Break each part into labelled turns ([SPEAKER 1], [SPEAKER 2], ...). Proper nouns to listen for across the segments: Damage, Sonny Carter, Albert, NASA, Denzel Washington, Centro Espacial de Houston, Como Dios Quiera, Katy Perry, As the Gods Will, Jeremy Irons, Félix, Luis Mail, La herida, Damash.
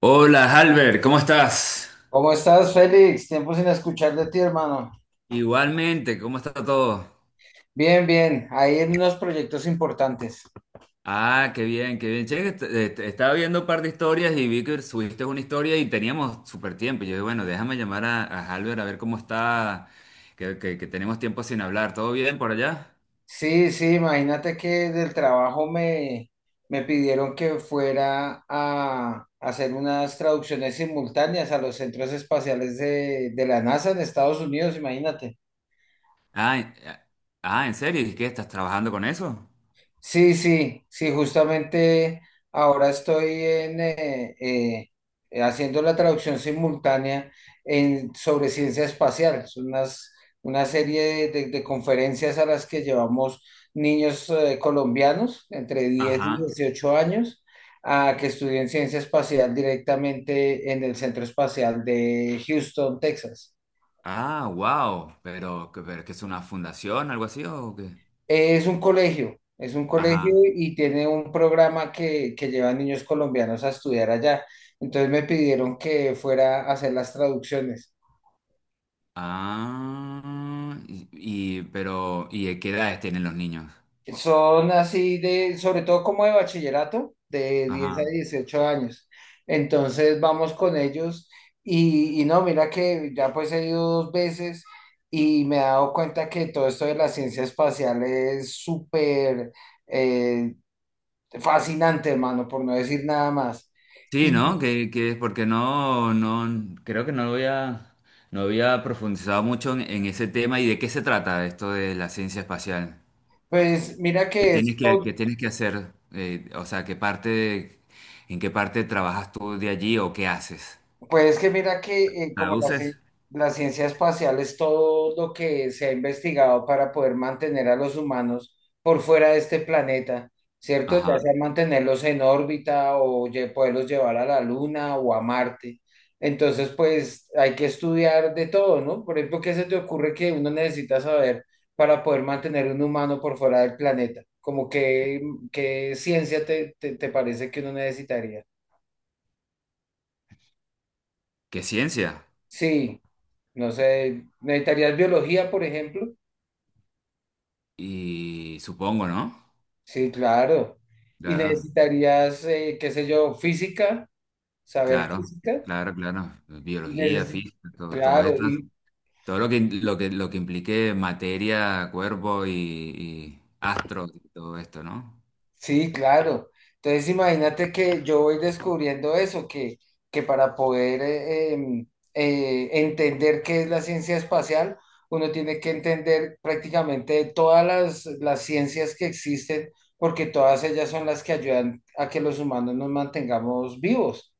[SPEAKER 1] Hola, Albert, ¿cómo estás?
[SPEAKER 2] ¿Cómo estás, Félix? Tiempo sin escuchar de ti, hermano.
[SPEAKER 1] Igualmente, ¿cómo está todo?
[SPEAKER 2] Bien, bien, ahí en unos proyectos importantes.
[SPEAKER 1] Ah, qué bien, qué bien. Che, estaba viendo un par de historias y vi que subiste una historia y teníamos súper tiempo. Yo dije, bueno, déjame llamar a Albert a ver cómo está, que tenemos tiempo sin hablar. ¿Todo bien por allá?
[SPEAKER 2] Sí, sí, imagínate que del trabajo me pidieron que fuera a hacer unas traducciones simultáneas a los centros espaciales de la NASA en Estados Unidos, imagínate.
[SPEAKER 1] Ah, en- ah, ¿en serio? ¿Y qué? ¿Estás trabajando con eso?
[SPEAKER 2] Sí, sí, sí, justamente ahora estoy haciendo la traducción simultánea sobre ciencia espacial. Es una serie de conferencias a las que llevamos niños colombianos entre diez y
[SPEAKER 1] Ajá.
[SPEAKER 2] dieciocho años a que estudien ciencia espacial directamente en el Centro Espacial de Houston, Texas.
[SPEAKER 1] Ah, wow. Pero, ¿pero qué es una fundación, algo así o qué?
[SPEAKER 2] Es un colegio
[SPEAKER 1] Ajá.
[SPEAKER 2] y tiene un programa que lleva a niños colombianos a estudiar allá. Entonces me pidieron que fuera a hacer las traducciones.
[SPEAKER 1] Ah, pero, ¿y qué edades tienen los niños?
[SPEAKER 2] Son así de, sobre todo como de bachillerato, de 10 a
[SPEAKER 1] Ajá.
[SPEAKER 2] 18 años. Entonces vamos con ellos y no, mira que ya pues he ido dos veces y me he dado cuenta que todo esto de la ciencia espacial es súper eh, fascinante, hermano, por no decir nada más.
[SPEAKER 1] Sí,
[SPEAKER 2] Y
[SPEAKER 1] ¿no? Que es porque no creo que no había, no había profundizado mucho en ese tema y de qué se trata esto de la ciencia espacial.
[SPEAKER 2] Pues mira
[SPEAKER 1] ¿Qué
[SPEAKER 2] que
[SPEAKER 1] tienes
[SPEAKER 2] es
[SPEAKER 1] qué
[SPEAKER 2] todo,
[SPEAKER 1] tienes que hacer? O sea, ¿qué parte, en qué parte trabajas tú de allí o qué haces?
[SPEAKER 2] pues que mira que como la, ci-
[SPEAKER 1] ¿Traduces?
[SPEAKER 2] la ciencia espacial es todo lo que se ha investigado para poder mantener a los humanos por fuera de este planeta, ¿cierto? Ya
[SPEAKER 1] Ajá.
[SPEAKER 2] sea mantenerlos en órbita o poderlos llevar a la Luna o a Marte. Entonces, pues hay que estudiar de todo, ¿no? Por ejemplo, ¿qué se te ocurre que uno necesita saber para poder mantener un humano por fuera del planeta? Como que, ¿qué ciencia te parece que uno necesitaría?
[SPEAKER 1] ¿Qué ciencia?
[SPEAKER 2] Sí, no sé, necesitarías biología, por ejemplo.
[SPEAKER 1] Y supongo, ¿no?
[SPEAKER 2] Sí, claro. Y
[SPEAKER 1] Claro.
[SPEAKER 2] necesitarías, qué sé yo, física, saber
[SPEAKER 1] Claro,
[SPEAKER 2] física.
[SPEAKER 1] claro, claro. Biología,
[SPEAKER 2] Necesi-
[SPEAKER 1] física, todo, todo
[SPEAKER 2] claro,
[SPEAKER 1] esto,
[SPEAKER 2] y,
[SPEAKER 1] todo lo que, lo que, lo que implique materia, cuerpo y astros y todo esto, ¿no?
[SPEAKER 2] sí, claro. Entonces imagínate que yo voy descubriendo eso, que para poder entender qué es la ciencia espacial, uno tiene que entender prácticamente todas las ciencias que existen, porque todas ellas son las que ayudan a que los humanos nos mantengamos vivos,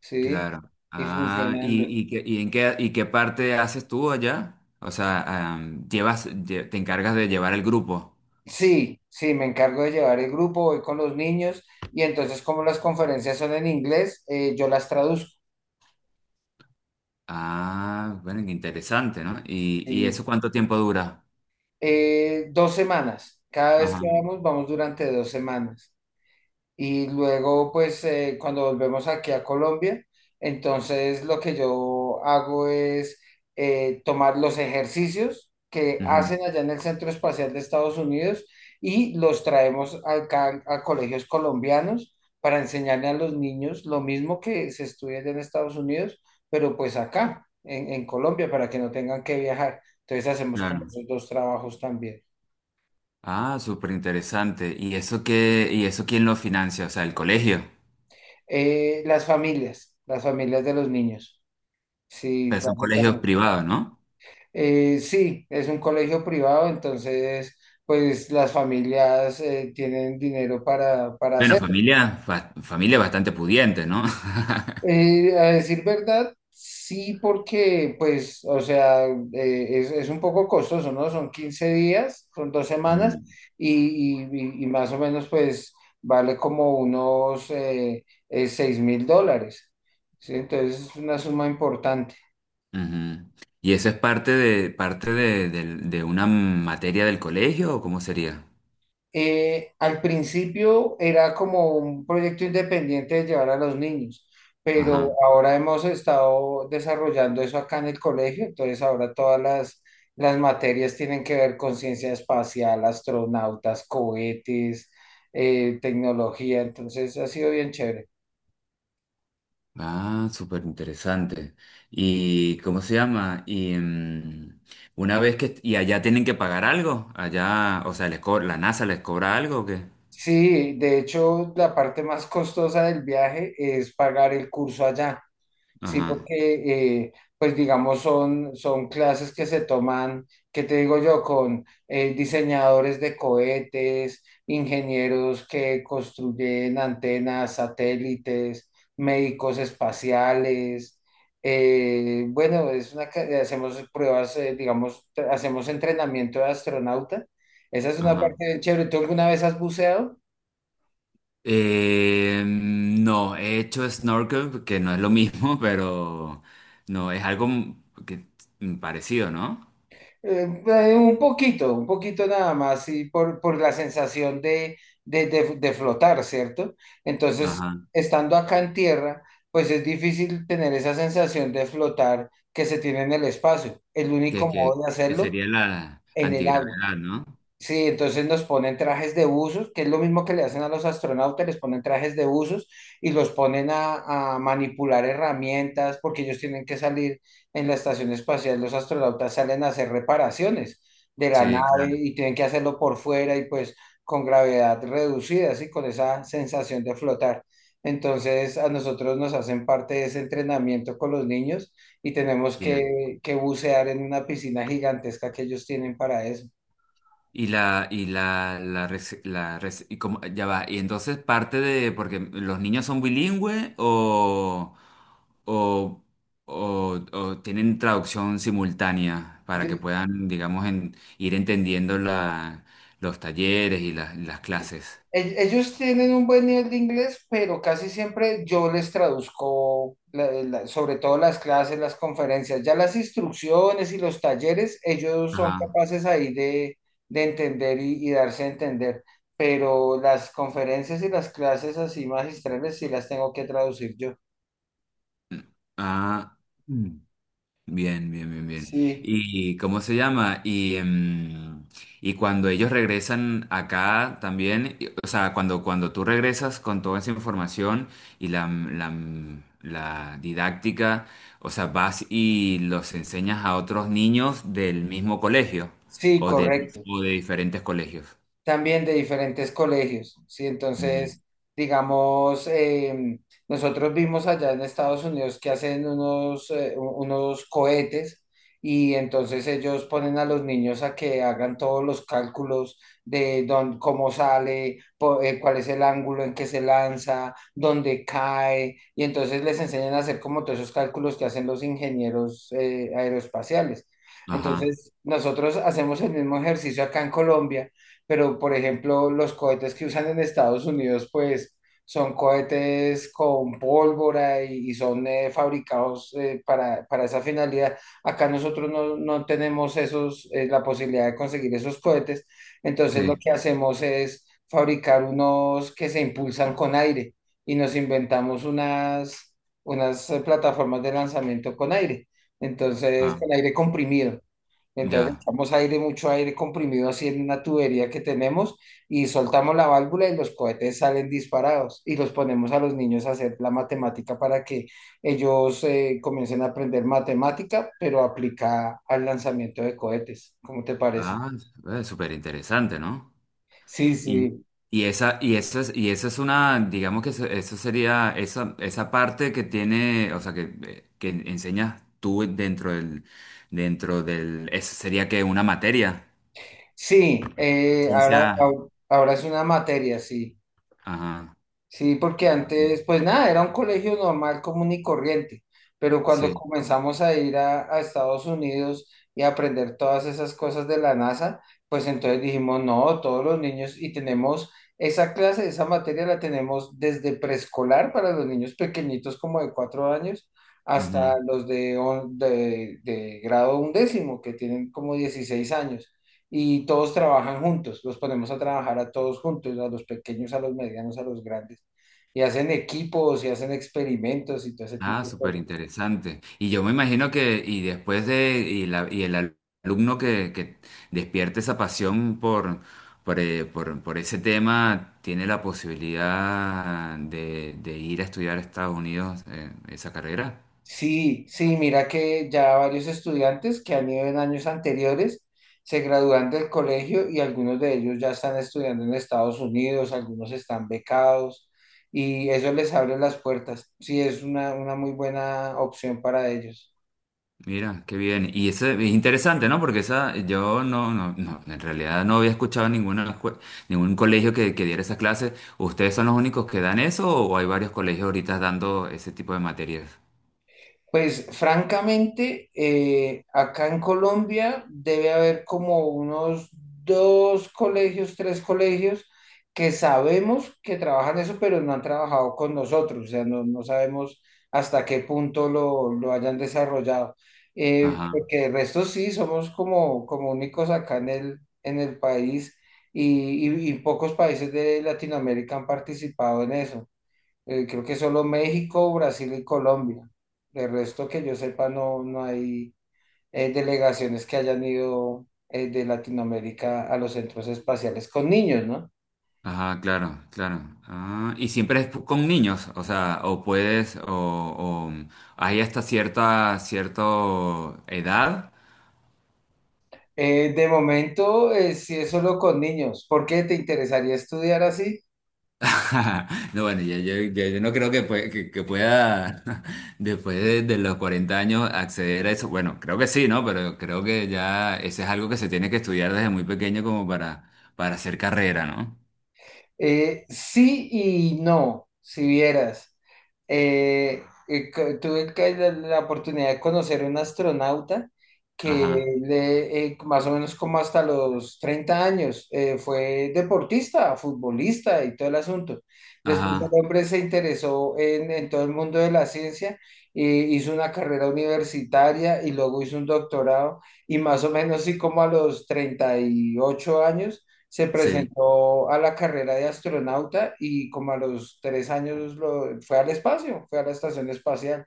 [SPEAKER 2] ¿sí?
[SPEAKER 1] Claro.
[SPEAKER 2] Y
[SPEAKER 1] Ah,
[SPEAKER 2] funcionando.
[SPEAKER 1] ¿y en qué, y qué parte haces tú allá? O sea, llevas, te encargas de llevar el grupo.
[SPEAKER 2] Sí, sí, me encargo de llevar el grupo, voy con los niños y entonces como las conferencias son en inglés, yo las traduzco.
[SPEAKER 1] Ah, bueno, qué interesante, ¿no? Y
[SPEAKER 2] Sí.
[SPEAKER 1] eso cuánto tiempo dura?
[SPEAKER 2] 2 semanas. Cada vez que
[SPEAKER 1] Ajá.
[SPEAKER 2] vamos, vamos durante 2 semanas. Y luego, pues, cuando volvemos aquí a Colombia, entonces lo que yo hago es tomar los ejercicios que
[SPEAKER 1] Ujú,
[SPEAKER 2] hacen allá en el Centro Espacial de Estados Unidos y los traemos acá a colegios colombianos para enseñarle a los niños lo mismo que se estudia allá en Estados Unidos, pero pues acá, en Colombia, para que no tengan que viajar. Entonces hacemos como
[SPEAKER 1] claro.
[SPEAKER 2] esos dos trabajos también.
[SPEAKER 1] Ah, súper interesante. ¿Y eso qué, y eso quién lo financia? O sea, el colegio.
[SPEAKER 2] Las familias de los niños, sí,
[SPEAKER 1] Pero son colegios
[SPEAKER 2] básicamente.
[SPEAKER 1] privados, ¿no?
[SPEAKER 2] Sí, es un colegio privado, entonces, pues las familias tienen dinero para
[SPEAKER 1] Bueno,
[SPEAKER 2] hacerlo.
[SPEAKER 1] familia, familia bastante pudiente, ¿no?
[SPEAKER 2] A decir verdad, sí, porque, pues, o sea, es un poco costoso, ¿no? Son 15 días, son 2 semanas,
[SPEAKER 1] Ujú,
[SPEAKER 2] y más o menos, pues, vale como unos 6 mil dólares, ¿sí? Entonces, es una suma importante.
[SPEAKER 1] ujú. ¿Y eso es parte de, de una materia del colegio o cómo sería?
[SPEAKER 2] Al principio era como un proyecto independiente de llevar a los niños, pero
[SPEAKER 1] Ajá.
[SPEAKER 2] ahora hemos estado desarrollando eso acá en el colegio, entonces ahora todas las materias tienen que ver con ciencia espacial, astronautas, cohetes, tecnología, entonces ha sido bien chévere.
[SPEAKER 1] Ah, súper interesante. ¿Y cómo se llama? Y una vez que... ¿Y allá tienen que pagar algo? Allá, o sea, ¿la NASA les cobra algo o qué?
[SPEAKER 2] Sí, de hecho, la parte más costosa del viaje es pagar el curso allá. Sí,
[SPEAKER 1] Ajá,
[SPEAKER 2] porque, pues digamos, son clases que se toman, ¿qué te digo yo? Con diseñadores de cohetes, ingenieros que construyen antenas, satélites, médicos espaciales. Bueno, hacemos pruebas, digamos, hacemos entrenamiento de astronauta. Esa es una
[SPEAKER 1] ajá.
[SPEAKER 2] parte bien chévere. ¿Tú alguna vez has buceado?
[SPEAKER 1] No, he hecho snorkel, que no es lo mismo, pero no, es algo que, mm, parecido, ¿no?
[SPEAKER 2] Un poquito, un poquito nada más, y por la sensación de flotar, ¿cierto? Entonces,
[SPEAKER 1] Ajá,
[SPEAKER 2] estando acá en tierra, pues es difícil tener esa sensación de flotar que se tiene en el espacio. El único modo de
[SPEAKER 1] que
[SPEAKER 2] hacerlo
[SPEAKER 1] sería la
[SPEAKER 2] en el agua.
[SPEAKER 1] antigravedad, ¿no?
[SPEAKER 2] Sí, entonces nos ponen trajes de buzos, que es lo mismo que le hacen a los astronautas, les ponen trajes de buzos y los ponen a manipular herramientas porque ellos tienen que salir en la estación espacial, los astronautas salen a hacer reparaciones de la
[SPEAKER 1] Sí,
[SPEAKER 2] nave
[SPEAKER 1] claro.
[SPEAKER 2] y tienen que hacerlo por fuera y pues con gravedad reducida, así con esa sensación de flotar. Entonces a nosotros nos hacen parte de ese entrenamiento con los niños y tenemos que bucear en una piscina gigantesca que ellos tienen para eso.
[SPEAKER 1] Y la, y como, ya va, y entonces parte de, ¿porque los niños son bilingües o, o tienen traducción simultánea para que puedan, digamos, ir entendiendo la, los talleres y las clases?
[SPEAKER 2] Ellos tienen un buen nivel de inglés, pero casi siempre yo les traduzco, sobre todo las clases, las conferencias, ya las instrucciones y los talleres, ellos son
[SPEAKER 1] Ajá.
[SPEAKER 2] capaces ahí de entender y darse a entender, pero las conferencias y las clases así magistrales sí las tengo que traducir yo.
[SPEAKER 1] Ah. Mm. Bien, bien, bien, bien.
[SPEAKER 2] Sí,
[SPEAKER 1] ¿Y cómo se llama? Y, y cuando ellos regresan acá también, o sea, cuando, cuando tú regresas con toda esa información y la didáctica, o sea, vas y los enseñas a otros niños del mismo colegio
[SPEAKER 2] sí,
[SPEAKER 1] o de,
[SPEAKER 2] correcto.
[SPEAKER 1] o de diferentes colegios.
[SPEAKER 2] También de diferentes colegios, ¿sí?
[SPEAKER 1] Ujú.
[SPEAKER 2] Entonces, digamos, nosotros vimos allá en Estados Unidos que hacen unos cohetes y entonces ellos ponen a los niños a que hagan todos los cálculos de dónde, cómo sale, cuál es el ángulo en que se lanza, dónde cae, y entonces les enseñan a hacer como todos esos cálculos que hacen los ingenieros aeroespaciales.
[SPEAKER 1] Ajá,
[SPEAKER 2] Entonces, nosotros hacemos el mismo ejercicio acá en Colombia pero por ejemplo, los cohetes que usan en Estados Unidos, pues son cohetes con pólvora y son fabricados para esa finalidad. Acá nosotros no tenemos esos, la posibilidad de conseguir esos cohetes, entonces lo
[SPEAKER 1] sí,
[SPEAKER 2] que hacemos es fabricar unos que se impulsan con aire y nos inventamos unas, plataformas de lanzamiento con aire, entonces con
[SPEAKER 1] ah,
[SPEAKER 2] aire comprimido. Entonces
[SPEAKER 1] ya.
[SPEAKER 2] echamos aire, mucho aire comprimido así en una tubería que tenemos y soltamos la válvula y los cohetes salen disparados y los ponemos a los niños a hacer la matemática para que ellos comiencen a aprender matemática, pero aplicada al lanzamiento de cohetes. ¿Cómo te parece?
[SPEAKER 1] Ah, súper interesante, ¿no?
[SPEAKER 2] Sí,
[SPEAKER 1] Y,
[SPEAKER 2] sí,
[SPEAKER 1] y esa, y eso es una, digamos que eso sería, esa parte que tiene, o sea, que enseñas tú dentro del, eso sería que una materia.
[SPEAKER 2] sí, eh,
[SPEAKER 1] Ciencia.
[SPEAKER 2] ahora, ahora es una materia, sí.
[SPEAKER 1] Ajá.
[SPEAKER 2] Sí, porque antes, pues nada, era un colegio normal, común y corriente, pero cuando
[SPEAKER 1] Sí.
[SPEAKER 2] comenzamos a ir a Estados Unidos y a aprender todas esas cosas de la NASA, pues entonces dijimos, no, todos los niños y tenemos esa clase, esa materia la tenemos desde preescolar para los niños pequeñitos como de 4 años hasta los de grado undécimo, que tienen como 16 años y todos trabajan juntos, los ponemos a trabajar a todos juntos, a los pequeños, a los medianos, a los grandes, y hacen equipos y hacen experimentos y todo ese
[SPEAKER 1] Ah,
[SPEAKER 2] tipo de
[SPEAKER 1] súper
[SPEAKER 2] cosas.
[SPEAKER 1] interesante. Y yo me imagino que, y después de, y, la, alumno que despierte esa pasión por ese tema, tiene la posibilidad de ir a estudiar a Estados Unidos esa carrera.
[SPEAKER 2] Sí, sí, mira que ya varios estudiantes que han ido en años anteriores se gradúan del colegio y algunos de ellos ya están estudiando en Estados Unidos, algunos están becados y eso les abre las puertas. Sí, es una muy buena opción para ellos.
[SPEAKER 1] Mira, qué bien. Y eso es interesante, ¿no? Porque esa, yo no, no, no, en realidad no había escuchado ninguna, ningún colegio que diera esas clases. ¿Ustedes son los únicos que dan eso o hay varios colegios ahorita dando ese tipo de materias?
[SPEAKER 2] Pues francamente, acá en Colombia debe haber como unos dos colegios, tres colegios que sabemos que trabajan eso, pero no han trabajado con nosotros, o sea, no sabemos hasta qué punto lo hayan desarrollado. Porque el resto sí, somos como únicos acá en el país y pocos países de Latinoamérica han participado en eso. Creo que solo México, Brasil y Colombia. De resto que yo sepa, no hay delegaciones que hayan ido de Latinoamérica a los centros espaciales con niños, ¿no?
[SPEAKER 1] Ah, claro, claro. Ah, y siempre es con niños, o sea, o hay hasta cierta, cierto edad.
[SPEAKER 2] De momento, sí es solo con niños. ¿Por qué te interesaría estudiar así?
[SPEAKER 1] No, bueno, yo, no creo que, que pueda, después de los 40 años, acceder a eso. Bueno, creo que sí, ¿no? Pero creo que ya ese es algo que se tiene que estudiar desde muy pequeño como para hacer carrera, ¿no?
[SPEAKER 2] Sí y no, si vieras. La oportunidad de conocer a un astronauta
[SPEAKER 1] Ajá,
[SPEAKER 2] que más o menos como hasta los 30 años fue deportista, futbolista y todo el asunto. Después el
[SPEAKER 1] ajá,
[SPEAKER 2] hombre se interesó en todo el mundo de la ciencia, hizo una carrera universitaria y luego hizo un doctorado y más o menos sí como a los 38 años se
[SPEAKER 1] sí.
[SPEAKER 2] presentó a la carrera de astronauta y como a los 3 años fue al espacio, fue a la estación espacial.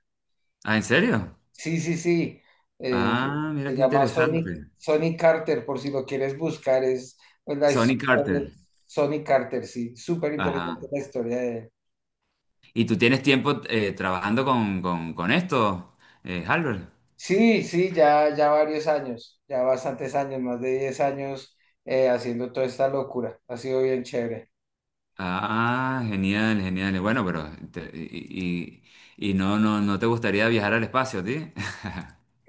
[SPEAKER 1] Ah, ¿en serio?
[SPEAKER 2] Sí, sí, sí, eh,
[SPEAKER 1] Ah, mira
[SPEAKER 2] se
[SPEAKER 1] qué
[SPEAKER 2] llama Sonny,
[SPEAKER 1] interesante.
[SPEAKER 2] Sonny Carter, por si lo quieres buscar, es pues, la
[SPEAKER 1] Sonny
[SPEAKER 2] historia de
[SPEAKER 1] Carter.
[SPEAKER 2] Sonny Carter, sí, súper interesante
[SPEAKER 1] Ajá.
[SPEAKER 2] la historia de él.
[SPEAKER 1] ¿Y tú tienes tiempo trabajando con esto, Albert?
[SPEAKER 2] Sí, sí, ya varios años, ya bastantes años, más de 10 años haciendo toda esta locura, ha sido bien chévere.
[SPEAKER 1] Ah, genial, genial. Bueno, te- y, y no, no, no te gustaría viajar al espacio, ¿a ti?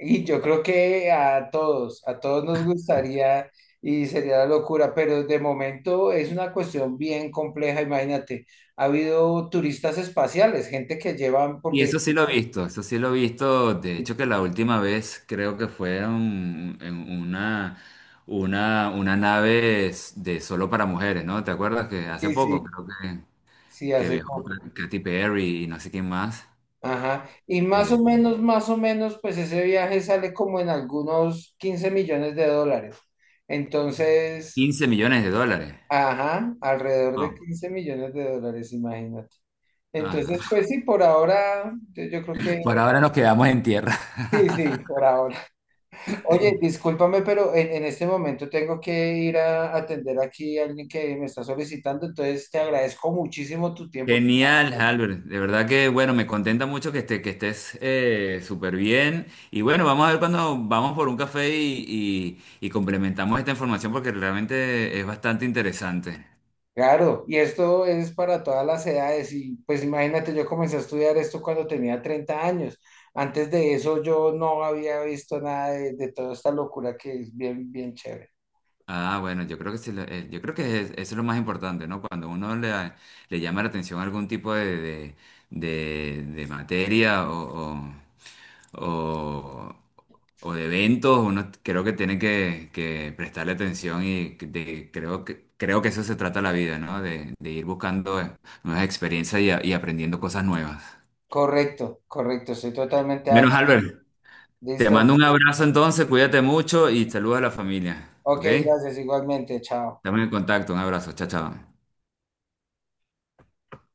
[SPEAKER 2] Y yo creo que a todos nos gustaría y sería la locura, pero de momento es una cuestión bien compleja, imagínate. Ha habido turistas espaciales, gente que llevan,
[SPEAKER 1] Y
[SPEAKER 2] porque
[SPEAKER 1] eso sí lo he visto, eso sí lo he visto. De
[SPEAKER 2] sí,
[SPEAKER 1] hecho, que la última vez creo que fue en una nave de solo para mujeres, ¿no? ¿Te acuerdas que hace
[SPEAKER 2] sí,
[SPEAKER 1] poco
[SPEAKER 2] sí,
[SPEAKER 1] creo
[SPEAKER 2] sí,
[SPEAKER 1] que
[SPEAKER 2] hace
[SPEAKER 1] viajó
[SPEAKER 2] poco.
[SPEAKER 1] Katy Perry y no sé quién más?
[SPEAKER 2] Ajá. Y
[SPEAKER 1] eh,
[SPEAKER 2] más o menos, pues ese viaje sale como en algunos $15 millones. Entonces,
[SPEAKER 1] 15 millones de dólares.
[SPEAKER 2] ajá, alrededor de
[SPEAKER 1] Wow.
[SPEAKER 2] $15 millones, imagínate.
[SPEAKER 1] Ah, no.
[SPEAKER 2] Entonces, pues sí, por ahora yo creo
[SPEAKER 1] Por
[SPEAKER 2] que,
[SPEAKER 1] ahora nos quedamos en tierra.
[SPEAKER 2] sí, sí, por ahora. Oye, discúlpame, pero en este momento tengo que ir a atender aquí a alguien que me está solicitando, entonces te agradezco muchísimo tu tiempo. Tu
[SPEAKER 1] Genial, Albert. De verdad que, bueno, me contenta mucho que, que estés súper bien. Y bueno, vamos a ver cuando vamos por un café y complementamos esta información porque realmente es bastante interesante.
[SPEAKER 2] Claro, y esto es para todas las edades y pues imagínate, yo comencé a estudiar esto cuando tenía 30 años. Antes de eso yo no había visto nada de toda esta locura que es bien, bien chévere.
[SPEAKER 1] Ah, bueno, yo creo que, sí, yo creo que eso es lo más importante, ¿no? Cuando uno le, le llama la atención algún tipo de, de materia o, o de eventos, uno creo que tiene que prestarle atención y creo que eso se trata la vida, ¿no? De ir buscando nuevas experiencias y aprendiendo cosas nuevas.
[SPEAKER 2] Correcto, correcto, estoy totalmente de
[SPEAKER 1] Menos
[SPEAKER 2] acuerdo.
[SPEAKER 1] Albert, te
[SPEAKER 2] Listo.
[SPEAKER 1] mando un abrazo entonces, cuídate mucho y saludos a la familia,
[SPEAKER 2] Ok,
[SPEAKER 1] ¿ok?
[SPEAKER 2] gracias, igualmente, chao.
[SPEAKER 1] Estamos en contacto, un abrazo, chao, chao.